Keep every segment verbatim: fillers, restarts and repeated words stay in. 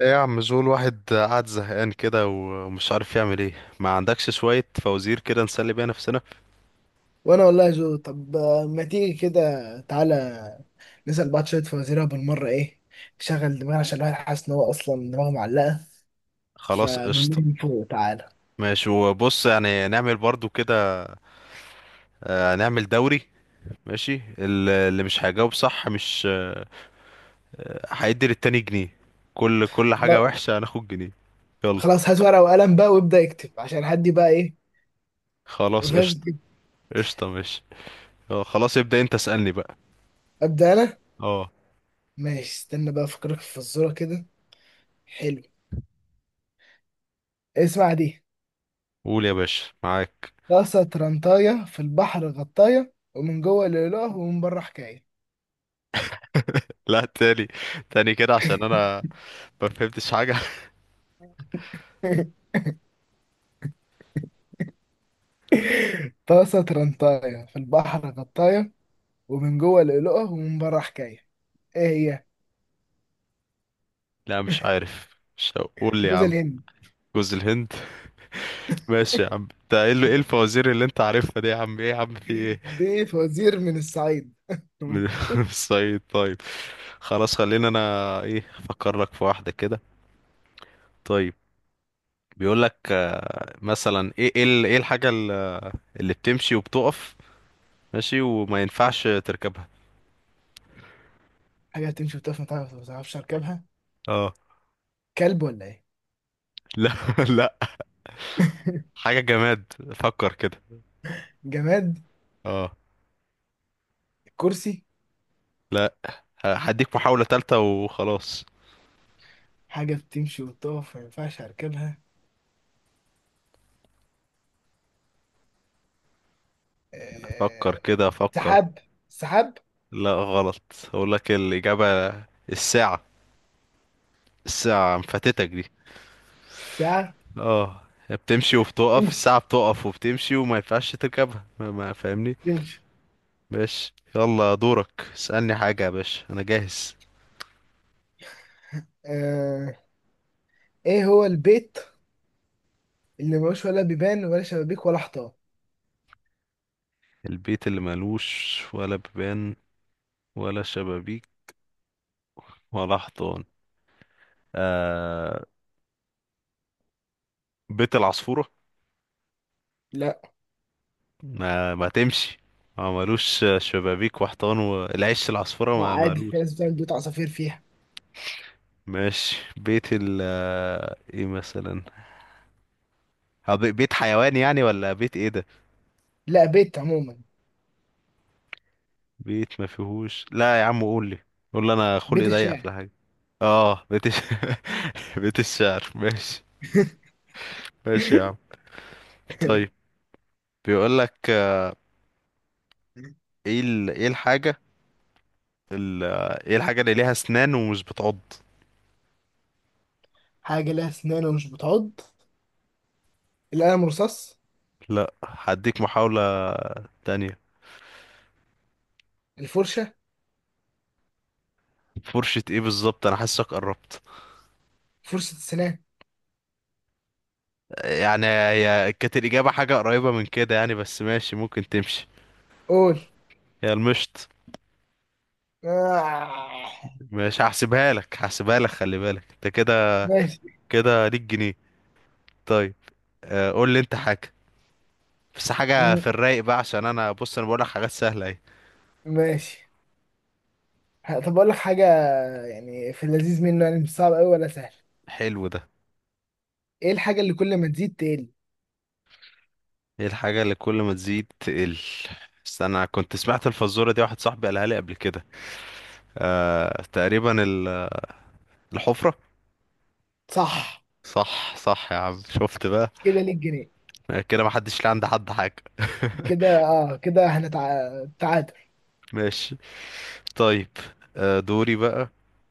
ايه يا عم، زول واحد قاعد زهقان كده ومش عارف يعمل ايه؟ ما عندكش شوية فوازير كده نسلي بيها نفسنا؟ وانا والله جو. طب آه، ما تيجي كده، تعالى نسأل بعض شوية فوازير بالمرة. ايه شغل دماغنا، عشان الواحد حاسس ان هو اصلا دماغه معلقة خلاص فبنمر قشطة. من فوق. تعالى ماشي، وبص يعني نعمل برضو كده. آه، نعمل دوري. ماشي، ال- اللي مش هيجاوب صح مش آه، هيدي للتاني جنيه. كل كل حاجة خلا- وحشة هناخد جنيه. يلا. خلاص، هات ورقة وقلم بقى وابدأ اكتب عشان حد بقى ايه ما خلاص فيهاش قشطة. كده. قشطة ماشي. اه خلاص، ابدأ انت اسألني بقى. ابدأ انا اه. ماشي، استنى بقى افكرك في فزورة كده. حلو. اسمع دي: قول يا باشا، معاك. طاسة ترنطاية في البحر غطاية، ومن جوه لؤلؤة ومن بره حكاية. لا، تاني. تاني كده عشان انا ما فهمتش حاجة. طاسة ترنطاية في البحر غطاية، ومن جوه لؤلؤة ومن بره حكاية. ايه هي؟ لا مش عارف، مش هقول يا جوز عم. الهند. جوز الهند. ماشي يا عم، انت ايه ال- إيه الفوازير اللي انت عارفها دي يا عم؟ ايه يا عم، في ايه؟ دي فوازير من الصعيد. من الصعيد؟ طيب، خلاص خلينا. انا ايه، افكر لك في واحدة كده. طيب، بيقول لك آه، مثلا ايه، ايه ال- ايه الحاجة ال- اللي بتمشي وبتقف ماشي وما ينفعش تركبها. حاجة بتمشي وتقف، ما تعرف- ما تعرفش اركبها. اه. كلب ولا ايه؟ لا، لا. حاجة جماد، فكر كده. جماد. اه. كرسي. لا، هديك محاولة تالتة وخلاص. حاجة بتمشي وتقف ما ينفعش اركبها. فكر آه، كده فكر. سحاب. سحاب. لا غلط. اقول لك الإجابة، الساعة. الساعة مفاتتك دي؟ ساعة. اه، هي بتمشي وبتقف، تمشي الساعة بتقف وبتمشي وما ينفعش تركبها، ما ما فاهمني؟ تمشي. باش، يلا دورك، اسألني حاجة يا باشا، أنا جاهز. آه، ايه هو البيت اللي ملوش ولا بيبان ولا شبابيك ولا حيطان؟ البيت اللي ملوش ولا بيبان ولا شبابيك ولا حيطان؟ آه، بيت العصفورة. لا. ما, ما تمشي، ما ملوش شبابيك وحيطان، والعش العصفورة لا، ما عادي، في ملوش. ناس بتعمل بيوت عصافير فيها. ماشي، بيت ال آه، ايه مثلا؟ آه، بي- بيت حيوان يعني؟ ولا بيت ايه ده؟ لا، بيت عموما. بيت ما فيهوش؟ لا يا عم قول لي، قول لي، انا بيت خلقي ضيق في الشارع. الحاجة. اه، بيت الش... بيت الشعر ماشي. ماشي يا عم، طيب. بيقول لك ايه ال... ايه الحاجة ال... ايه الحاجة اللي ليها اسنان ومش بتعض؟ حاجة لها أسنان ومش بتعض. القلم الرصاص. لا، هديك محاولة تانية. الفرشة. فرشة ايه بالظبط؟ انا حاسك قربت، فرشة السنان. يعني هي كانت الإجابة حاجة قريبة من كده يعني، بس ماشي ممكن تمشي. قول. هي المشط. آه. مش هحسبها لك، هحسبها لك، خلي بالك انت كده، ماشي. كده ليك جنيه. طيب، آه، قول لي انت حاجة، بس حاجة في م- الرايق بقى عشان انا بص، انا بقولك حاجات سهلة اهي. ماشي. ه- طب أقول لك حاجة، يعني في اللذيذ منه، يعني مش صعب أوي ولا سهل. حلو ده. إيه الحاجة اللي كل ما تزيد تقل؟ ايه الحاجة اللي كل ما تزيد تقل؟ بس انا كنت سمعت الفزورة دي، واحد صاحبي قالها لي قبل كده. آه، تقريبا، ال- الحفرة. صح، صح، صح يا عم، شفت بقى؟ كده ليك جنيه. كده محدش ليه عند حد حاجة. كده آه، كده هنتعادل. ماشي، طيب. آه، دوري بقى.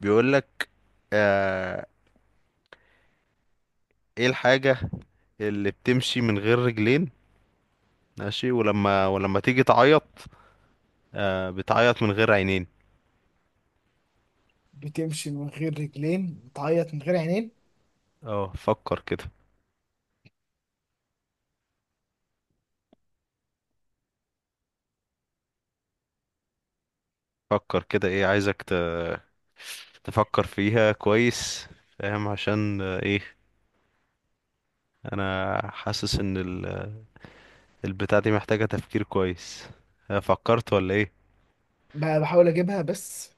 بيقولك آه، ايه الحاجة اللي بتمشي من غير رجلين ماشي، ولما ولما تيجي تعيط آه بتعيط من غير عينين؟ بتمشي من غير رجلين، بتعيط من غير عينين. اه، فكر كده، فكر كده، ايه، عايزك ت... تفكر فيها كويس. فاهم؟ عشان آه، ايه، انا حاسس ان ال... البتاع دي محتاجة تفكير كويس. آه، فكرت ولا ايه؟ ب- بحاول أجيبها، بس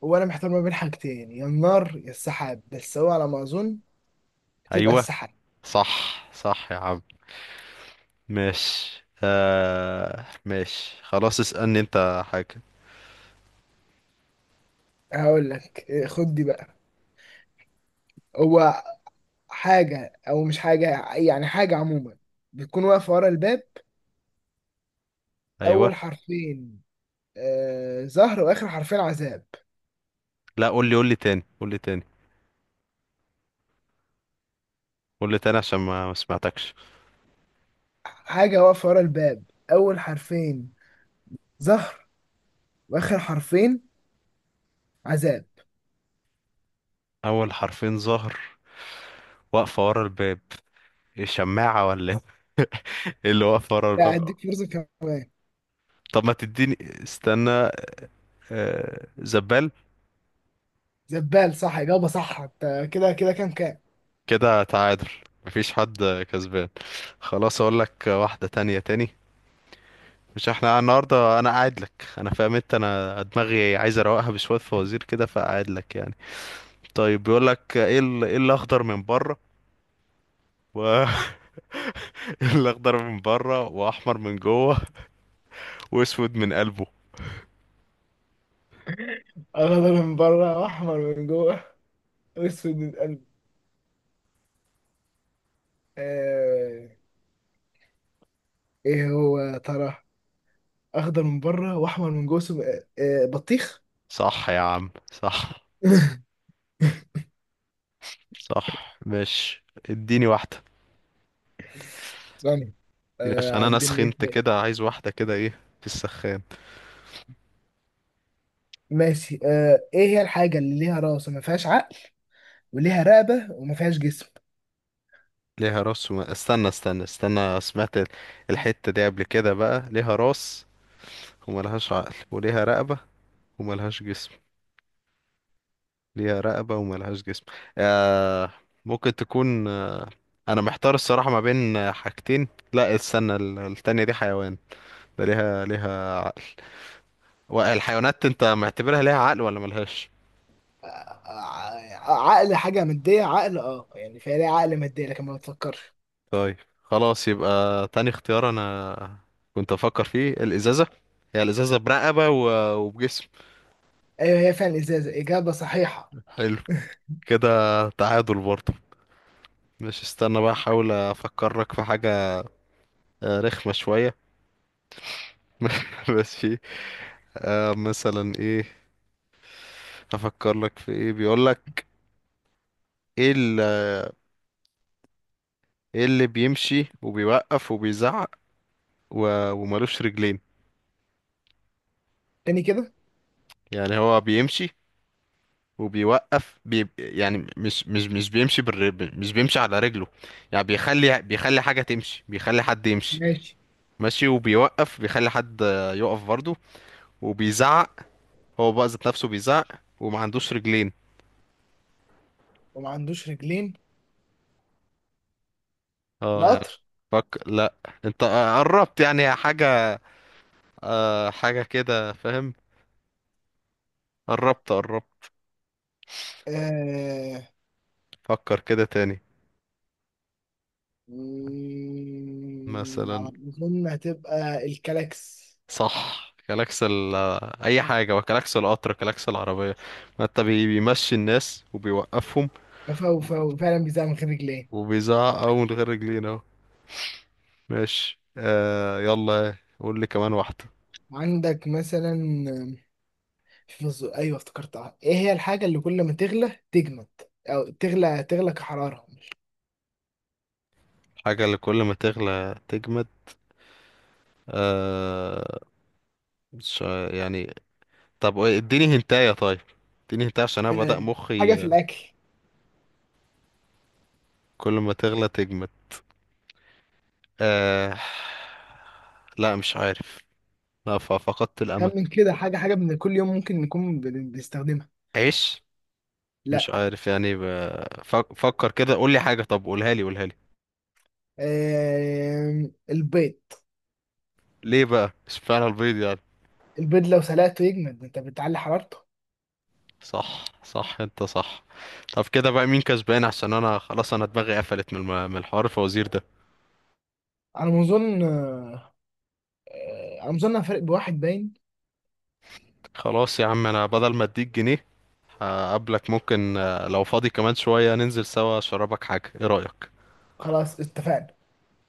وأنا محتار ما بين حاجتين، يا النار يا السحاب، بس هو على ما أظن تبقى ايوه، السحاب. صح، صح يا عم. ماشي آه ماشي، خلاص اسألني انت حاجة. هقول لك إيه، خد دي بقى. هو حاجة أو مش حاجة، يعني حاجة عموما، بتكون واقفة ورا الباب. ايوه. أول حرفين آه زهر، وآخر حرفين عذاب. لا، قول لي، قول لي تاني، قول لي تاني، قول لي تاني عشان ما ما سمعتكش. حاجة واقفة ورا الباب، أول حرفين زهر، وآخر حرفين عذاب. اول حرفين ظهر، واقفة ورا الباب؟ إيه، شماعة ولا ايه؟ إيه اللي واقفة ورا لا، الباب؟ أديك فرصة كمان. طب ما تديني. استنى. آه، زبال. زبال، صح، إجابة صح. أنت كده كده كام كام؟ كده تعادل، مفيش حد كسبان. خلاص اقول لك واحدة تانية تاني. مش احنا النهاردة، انا قاعد لك انا، فاهم انت؟ انا دماغي عايز اروقها بشوية فوازير كده، فقاعد لك يعني. طيب، بيقول لك ايه ال- ايه الاخضر من بره و إيه الاخضر من بره واحمر من جوه واسود من قلبه؟ أخضر من بره وأحمر من جوه وأسود من قلب. آه. إيه هو يا ترى؟ أخضر من بره وأحمر من جوه، سم... آه آه، بطيخ. صح يا عم، صح. صح، ماشي. اديني واحدة، ثانية. اديني عشان آه، انا عندنا ايه سخنت تاني؟ كده، عايز واحدة كده ايه، في السخان. ماشي. آه، ايه هي الحاجة اللي ليها راس وما فيهاش عقل، وليها رقبة وما فيهاش جسم؟ ليها راس وما... استنى، استنى، استنى، سمعت ال- الحتة دي قبل كده بقى. ليها راس وملهاش عقل، وليها رقبة وملهاش جسم. ليها رقبة وملهاش جسم. آه، ممكن تكون آه، أنا محتار الصراحة ما بين آه، حاجتين. لا استنى، ال- التانية دي حيوان، ده ليها ليها عقل. والحيوانات أنت معتبرها ليها عقل ولا ملهاش؟ آه آه، عقل حاجة مادية. عقل اه، يعني فيها، ليها عقل مادية لكن ما بتفكرش. طيب، خلاص يبقى تاني اختيار. أنا كنت أفكر فيه الإزازة، هي الإزازة برقبة و- وبجسم. ايوه، هي فعلا ازازة، اجابة صحيحة. حلو. كده تعادل برضه. مش استنى بقى، احاول افكرك في حاجة آه، رخمة شوية. ماشي آه، مثلا ايه افكر لك في ايه؟ بيقول لك ايه ال- ايه اللي بيمشي وبيوقف وبيزعق و- ومالوش رجلين؟ تاني كده. يعني هو بيمشي وبيوقف بي يعني مش مش مش بيمشي بالر... مش بيمشي على رجله، يعني بيخلي بيخلي حاجة تمشي، بيخلي حد يمشي ماشي. ماشي، وبيوقف بيخلي حد آه، يقف برضه. وبيزعق، هو بقى ذات نفسه بيزعق، وما عندوش رجلين. وما عندوش رجلين. اه يعني. القطر. فك لا، انت آه، قربت يعني، حاجة آه، حاجة كده، فاهم؟ قربت قربت، آه... فكر كده تاني. مم، على مثلا. ما أظن هتبقى الكلاكس. صح، كلاكس ال آه، اي حاجة، وكلاكس القطر، كلاكس العربية، ما انت بي- بيمشي الناس وبيوقفهم، فهو فهو فعلا بيزعل من غير رجلين. وبيزعق اهو من غير رجلين اهو. ماشي آه، يلا قول لي كمان واحدة. عندك مثلا، في الز- ايوه افتكرتها، ايه هي الحاجه اللي كل ما تغلى تجمد؟ او تغلى تغلى كحراره. حاجة اللي كل ما تغلى تجمد؟ آه، مش يعني، طب اديني هنتايه طيب، اديني هنتايه عشان انا آه، بدأ حاجه مخي. في الاكل. كل ما تغلى تجمد، آه، لا مش عارف. لا، ف- فقدت الامل. خمن كده، حاجه حاجه من كل يوم ممكن نكون بن- بنستخدمها. عيش. لا. مش عارف يعني ب... فك- فكر كده، قول لي حاجه، طب قولها لي، قولها لي. آه، البيض. ليه بقى، اشمعنى البيض يعني؟ البيض لو سلقته يجمد، انت بتعلي حرارته. صح، صح انت صح. طب كده بقى مين كسبان؟ عشان انا خلاص، انا دماغي قفلت من الم... من الحوار الفوازير ده. على ما اظن آه، آه، على ما اظن أنا فارق بواحد باين. خلاص يا عم، انا بدل ما اديك جنيه، هقابلك ممكن آه، لو فاضي كمان شويه، ننزل سوا اشربك حاجه، ايه رأيك؟ خلاص، اتفقنا.